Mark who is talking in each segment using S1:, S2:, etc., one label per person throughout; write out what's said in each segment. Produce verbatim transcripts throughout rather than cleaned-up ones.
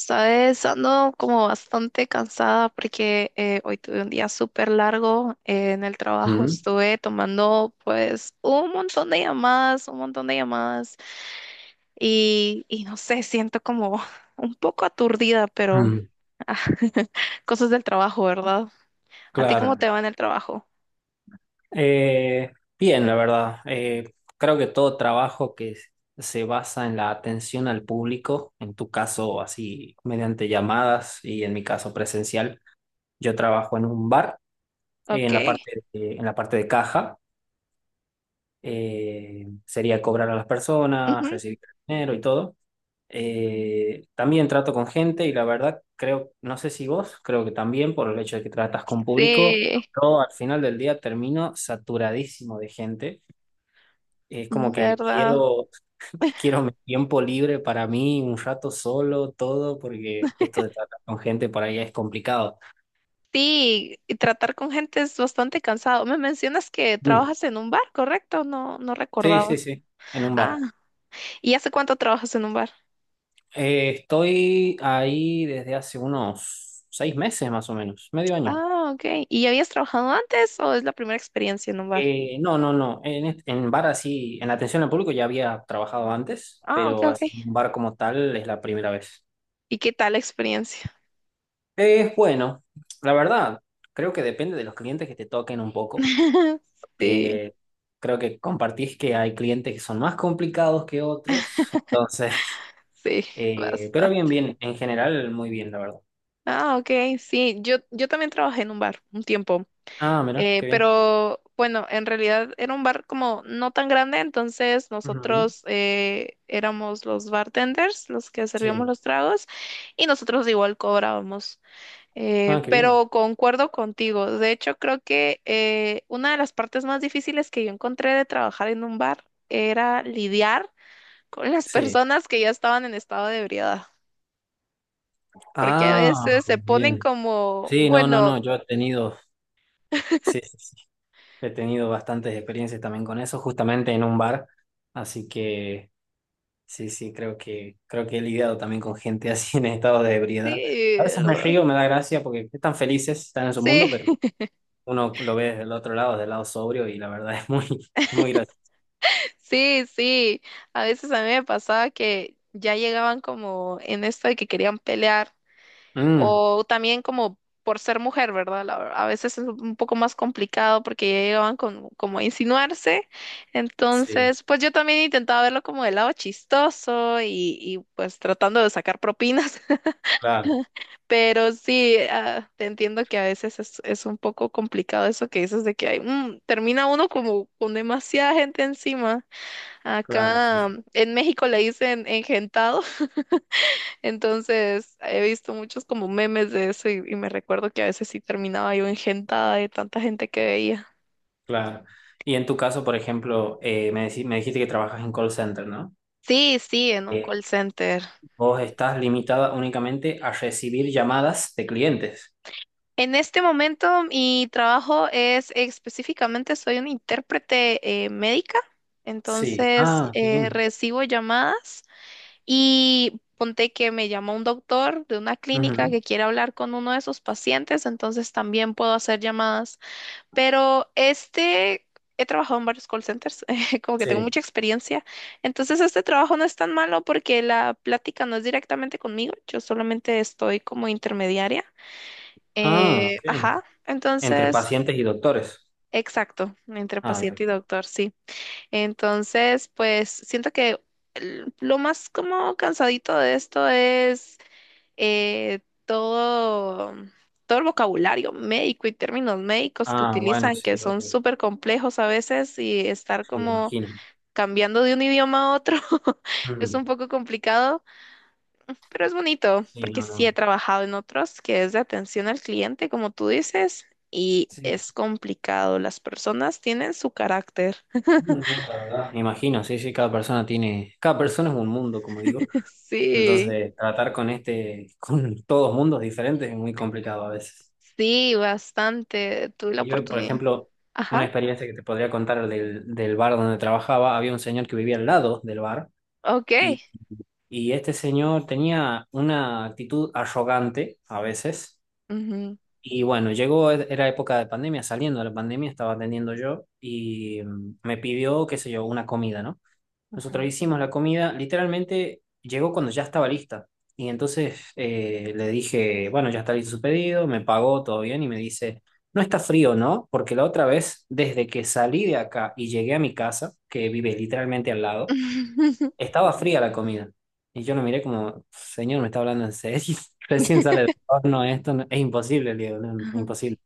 S1: Sabes, ando como bastante cansada porque eh, hoy tuve un día súper largo eh, en el trabajo.
S2: Mm,
S1: Estuve tomando pues un montón de llamadas, un montón de llamadas y, y no sé, siento como un poco aturdida, pero
S2: mm,
S1: ah, cosas del trabajo, ¿verdad? ¿A ti cómo
S2: claro.
S1: te va en el trabajo?
S2: Eh, Bien, la verdad. Eh, creo que todo trabajo que s- se basa en la atención al público, en tu caso así mediante llamadas y en mi caso presencial, yo trabajo en un bar, eh,
S1: Ok.
S2: en la parte de- en la parte de caja. Eh, sería cobrar a las personas,
S1: Ujú.
S2: recibir dinero y todo. Eh, también trato con gente y la verdad creo, no sé si vos, creo que también por el hecho de que tratas con público,
S1: Sí,
S2: yo al final del día termino saturadísimo de gente. Es como que
S1: ¿verdad?
S2: quiero, quiero mi tiempo libre para mí, un rato solo, todo, porque esto de tratar con gente por ahí es complicado.
S1: Sí, y tratar con gente es bastante cansado. Me mencionas que
S2: Mm.
S1: trabajas en un bar, ¿correcto? No, no
S2: Sí, sí,
S1: recordaba.
S2: sí, en un
S1: Ah,
S2: bar.
S1: ¿y hace cuánto trabajas en un bar?
S2: Eh, estoy ahí desde hace unos seis meses más o menos, medio año.
S1: Ah, ok. ¿Y ya habías trabajado antes o es la primera experiencia en un bar?
S2: Eh, no, no, no. En, est- en bar así, en atención al público ya había trabajado antes,
S1: Ah, ok,
S2: pero
S1: ok.
S2: así en un bar como tal es la primera vez.
S1: ¿Y qué tal la experiencia?
S2: Es bueno, la verdad, creo que depende de los clientes que te toquen un poco.
S1: Sí,
S2: Eh, Creo que compartís que hay clientes que son más complicados que otros, entonces,
S1: sí,
S2: eh, pero
S1: basta.
S2: bien, bien, en general muy bien, la verdad.
S1: Ah, ok, sí, yo, yo también trabajé en un bar un tiempo,
S2: Ah, mira,
S1: eh,
S2: qué bien.
S1: pero bueno, en realidad era un bar como no tan grande, entonces
S2: Ujú,
S1: nosotros eh, éramos los bartenders, los que servíamos
S2: sí.
S1: los tragos, y nosotros igual cobrábamos. Eh,
S2: Ah, qué bien.
S1: pero concuerdo contigo. De hecho, creo que eh, una de las partes más difíciles que yo encontré de trabajar en un bar era lidiar con las
S2: Sí.
S1: personas que ya estaban en estado de ebriedad, porque a
S2: Ah,
S1: veces se ponen
S2: bien.
S1: como,
S2: Sí, no, no,
S1: bueno,
S2: no, yo he tenido, sí, sí, sí, he tenido bastantes experiencias también con eso, justamente en un bar, así que sí, sí, creo que, creo que he lidiado también con gente así en estado de ebriedad. A
S1: sí,
S2: veces me río, me da gracia porque están felices, están en su mundo,
S1: sí,
S2: pero uno lo ve del otro lado, del lado sobrio, y la verdad es muy, muy gracioso.
S1: sí, sí. A veces a mí me pasaba que ya llegaban como en esto de que querían pelear.
S2: Mm,
S1: O también como por ser mujer, ¿verdad? La- A veces es un poco más complicado porque ya llegaban con, como a insinuarse.
S2: sí,
S1: Entonces, pues yo también intentaba verlo como del lado chistoso y, y, pues tratando de sacar propinas.
S2: claro,
S1: Pero sí, ah, te entiendo que a veces es, es un poco complicado eso que dices de que hay, mm, termina uno como con demasiada gente encima.
S2: claro, sí,
S1: Acá
S2: sí,
S1: mm, en México le dicen engentado. Entonces, he visto muchos como memes de eso y, y me recuerdo que a veces sí terminaba yo engentada de tanta gente que veía.
S2: claro. Y en tu caso, por ejemplo, eh, me, decí- me dijiste que trabajas en call center, ¿no?
S1: Sí, sí, en un
S2: Eh,
S1: call center.
S2: Vos estás limitada únicamente a recibir llamadas de clientes.
S1: En este momento mi trabajo es específicamente, soy una intérprete eh, médica,
S2: Sí,
S1: entonces
S2: ah, qué
S1: eh,
S2: bien.
S1: recibo llamadas y ponte que me llama un doctor de una clínica
S2: Ujú.
S1: que quiere hablar con uno de sus pacientes, entonces también puedo hacer llamadas. Pero este, he trabajado en varios call centers, eh, como que tengo
S2: Sí.
S1: mucha experiencia. Entonces este trabajo no es tan malo porque la plática no es directamente conmigo, yo solamente estoy como intermediaria.
S2: Ah,
S1: Eh,
S2: ok.
S1: ajá,
S2: Entre
S1: entonces,
S2: pacientes y doctores.
S1: exacto, entre
S2: Ah,
S1: paciente
S2: bien.
S1: y doctor, sí. Entonces, pues siento que el- lo más como cansadito de esto es eh, todo, todo el vocabulario médico y términos médicos que
S2: Ah, bueno,
S1: utilizan, que
S2: sí, ok.
S1: son súper complejos a veces, y estar
S2: Sí,
S1: como
S2: imagino.
S1: cambiando de un idioma a otro es
S2: Ujú.
S1: un poco complicado, pero es bonito,
S2: Sí,
S1: porque
S2: no, no.
S1: sí he trabajado en otros que es de atención al cliente, como tú dices. Y
S2: Sí,
S1: es complicado, las personas tienen su carácter.
S2: no, no, la verdad. Me imagino, sí, sí, cada persona tiene, cada persona es un mundo, como digo.
S1: Sí,
S2: Entonces, tratar con este, con todos mundos diferentes es muy complicado a veces.
S1: sí, bastante. Tuve la
S2: Y yo, por
S1: oportunidad.
S2: ejemplo, una
S1: Ajá,
S2: experiencia que te podría contar del, del bar donde trabajaba, había un señor que vivía al lado del bar
S1: ok.
S2: y, y este señor tenía una actitud arrogante a veces.
S1: Ujú.
S2: Y bueno, llegó, era época de pandemia, saliendo de la pandemia, estaba atendiendo yo y mm, me pidió, qué sé yo, una comida, ¿no? Nosotros hicimos la comida, literalmente llegó cuando ya estaba lista. Y entonces eh, le dije, bueno, ya está listo su pedido, me pagó todo bien y me dice, no está frío, ¿no? Porque la otra vez, desde que salí de acá y llegué a mi casa, que vive literalmente al lado, estaba fría la comida. Y yo lo miré como, señor, ¿me está hablando en serio? Recién sale del horno esto, no- es imposible, Diego, no, es
S1: Ajá.
S2: imposible.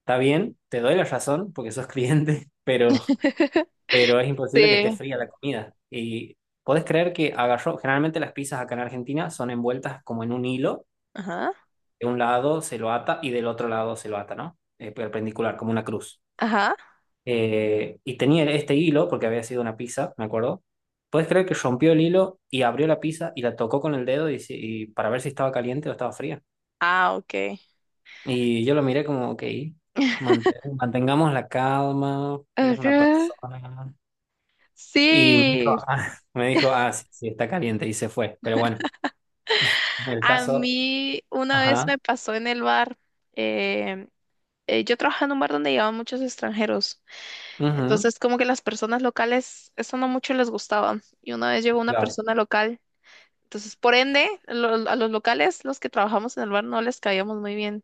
S2: Está bien, te doy la razón porque sos cliente, pero pero es imposible que esté
S1: Sí.
S2: fría la comida. Y ¿podés creer que agarró? Generalmente las pizzas acá en Argentina son envueltas como en un hilo,
S1: Ajá.
S2: de un lado se lo ata y del otro lado se lo ata, ¿no? Eh, perpendicular, como una cruz.
S1: Ajá.
S2: Eh, y tenía este hilo, porque había sido una pizza, me acuerdo. ¿Puedes creer que rompió el hilo y abrió la pizza y la tocó con el dedo y, si- y para ver si estaba caliente o estaba fría?
S1: Ah, ok.
S2: Y yo lo miré como, ok, mant- mantengamos la calma, él es una
S1: Ajá.
S2: persona. Y me dijo,
S1: Sí.
S2: ah, me dijo, ah, sí, sí, está caliente y se fue. Pero bueno, en el
S1: A
S2: caso,
S1: mí una vez
S2: ajá,
S1: me pasó en el bar. eh, eh, yo trabajaba en un bar donde llevaban muchos extranjeros.
S2: ujú,
S1: Entonces, como que las personas locales, eso no mucho les gustaba. Y una vez llegó una
S2: claro,
S1: persona local. Entonces, por ende, lo- a los locales, los que trabajamos en el bar, no les caíamos muy bien.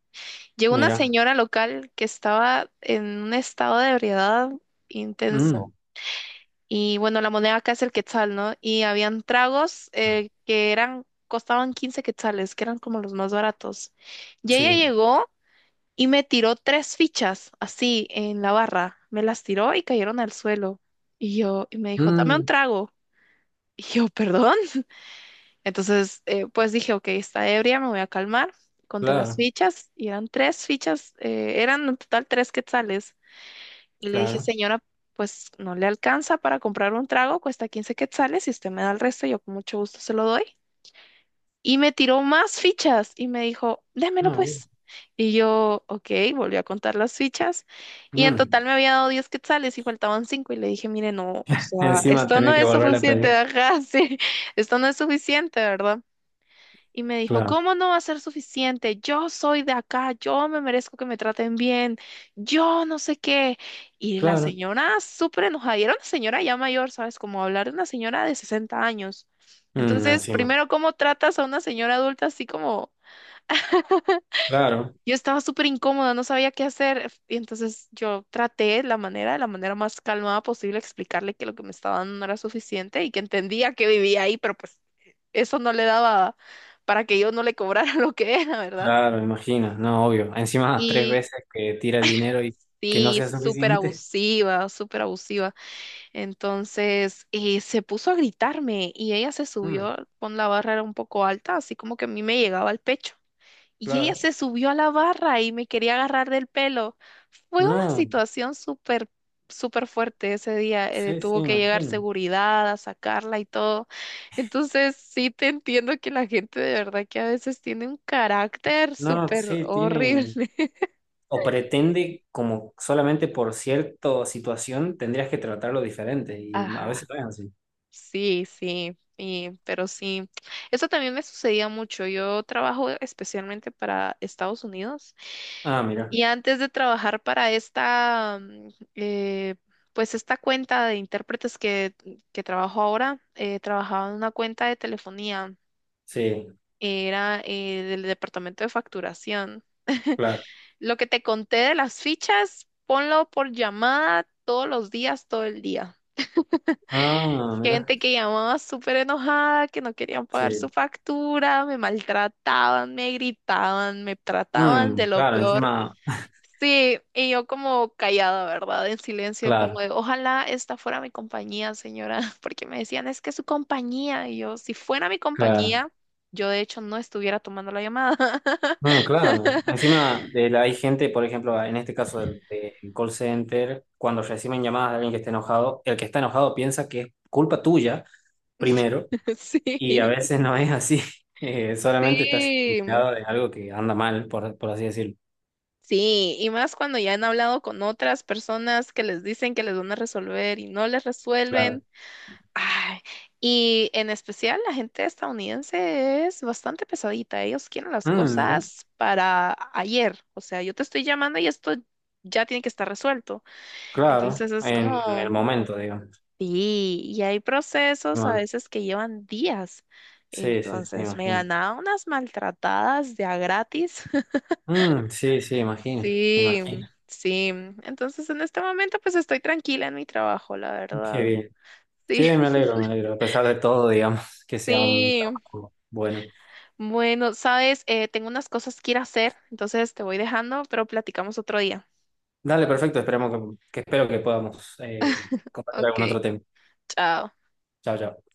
S1: Llegó una
S2: mira,
S1: señora local que estaba en un estado de ebriedad
S2: mm,
S1: intenso. Y bueno, la moneda acá es el quetzal, ¿no? Y habían tragos eh, que eran, costaban quince quetzales, que eran como los más baratos. Y ella
S2: sí,
S1: llegó y me tiró tres fichas así en la barra. Me las tiró y cayeron al suelo. Y yo, y me dijo, dame un
S2: mm,
S1: trago. Y yo, perdón. Entonces, eh, pues dije, ok, está ebria, me voy a calmar. Conté las
S2: claro,
S1: fichas y eran tres fichas, eh, eran en total tres quetzales. Y le dije,
S2: claro,
S1: señora, pues no le alcanza para comprar un trago, cuesta quince quetzales, si usted me da el resto, yo con mucho gusto se lo doy. Y me tiró más fichas y me dijo, démelo
S2: muy bien.
S1: pues. Y yo, ok, volví a contar las fichas y en
S2: Mm.
S1: total me había dado diez quetzales y faltaban cinco y le dije, mire, no, o sea,
S2: Encima
S1: esto no
S2: tener que
S1: es
S2: volver a
S1: suficiente,
S2: pedir,
S1: ajá, sí, esto no es suficiente, ¿verdad? Y me dijo,
S2: claro,
S1: ¿cómo no va a ser suficiente? Yo soy de acá, yo me merezco que me traten bien, yo no sé qué. Y la
S2: claro,
S1: señora súper enojada, y era una señora ya mayor, ¿sabes? Como hablar de una señora de sesenta años.
S2: mm,
S1: Entonces,
S2: encima,
S1: primero, ¿cómo tratas a una señora adulta así como
S2: claro,
S1: yo estaba súper incómoda, no sabía qué hacer. Y entonces yo traté la manera, de la manera más calmada posible, explicarle que lo que me estaba dando no era suficiente y que entendía que vivía ahí, pero pues eso no le daba para que yo no le cobrara lo que era, ¿verdad?
S2: claro, imagina, no, obvio. Encima tres
S1: Y
S2: veces que tira el dinero y que no
S1: sí,
S2: sea
S1: súper
S2: suficiente,
S1: abusiva, súper abusiva. Entonces eh, se puso a gritarme y ella se
S2: mm,
S1: subió con la barra era un poco alta, así como que a mí me llegaba al pecho. Y ella
S2: claro,
S1: se subió a la barra y me quería agarrar del pelo. Fue una
S2: no,
S1: situación súper, súper fuerte ese día. Eh,
S2: sí, sí,
S1: tuvo que llegar
S2: imagino.
S1: seguridad a sacarla y todo. Entonces, sí te entiendo que la gente de verdad que a veces tiene un carácter
S2: No,
S1: súper
S2: sí, tiene,
S1: horrible.
S2: o pretende como solamente por cierta situación tendrías que tratarlo diferente y no- a
S1: Ajá.
S2: veces no es así.
S1: Sí, sí, y- pero sí, eso también me sucedía mucho. Yo trabajo especialmente para Estados Unidos
S2: Ah, mira,
S1: y antes de trabajar para esta, mm, eh, pues esta cuenta de intérpretes que, que trabajo ahora, eh, trabajaba en una cuenta de telefonía,
S2: sí,
S1: era eh, del departamento de facturación.
S2: claro.
S1: Lo que te conté de las fichas, ponlo por llamada todos los días, todo el día.
S2: Ah, mira,
S1: Gente que llamaba súper enojada, que no querían pagar su
S2: sí.
S1: factura, me maltrataban, me gritaban, me trataban de
S2: Mm,
S1: lo
S2: claro,
S1: peor.
S2: encima,
S1: Sí, y yo como callada, ¿verdad? En silencio, como
S2: claro,
S1: de, ojalá esta fuera mi compañía, señora, porque me decían, es que es su compañía. Y yo, si fuera mi
S2: claro.
S1: compañía, yo de hecho no estuviera tomando la llamada.
S2: Mm, claro. Encima de la- hay gente, por ejemplo, en este caso del, del call center, cuando reciben llamadas de alguien que está enojado, el que está enojado piensa que es culpa tuya primero
S1: Sí,
S2: y a veces no es así. Eh, solamente estás
S1: sí.
S2: enterado de algo que anda mal, por, por así decirlo.
S1: Sí, y más cuando ya han hablado con otras personas que les dicen que les van a resolver y no les
S2: Claro.
S1: resuelven. Ay, y en especial la gente estadounidense es bastante pesadita. Ellos quieren las
S2: Mm, mira,
S1: cosas para ayer. O sea, yo te estoy llamando y esto ya tiene que estar resuelto.
S2: claro,
S1: Entonces es
S2: en el
S1: como,
S2: momento, digamos.
S1: sí, y hay procesos a
S2: Bueno,
S1: veces que llevan días.
S2: sí, sí, sí,
S1: Entonces me
S2: imagino.
S1: ganaba unas maltratadas de a gratis.
S2: Mm, sí, sí, imagino,
S1: Sí,
S2: imagino.
S1: sí. Entonces en este momento pues estoy tranquila en mi trabajo, la
S2: Qué
S1: verdad.
S2: bien, qué
S1: Sí,
S2: bien, me alegro, me alegro. A pesar de todo, digamos, que sea un
S1: sí.
S2: trabajo bueno.
S1: Bueno, sabes, Eh, tengo unas cosas que ir a hacer, entonces te voy dejando, pero platicamos otro día.
S2: Dale, perfecto, esperemos que, que espero que podamos eh, compartir
S1: Ok,
S2: algún otro tema.
S1: chao.
S2: Chao, chao.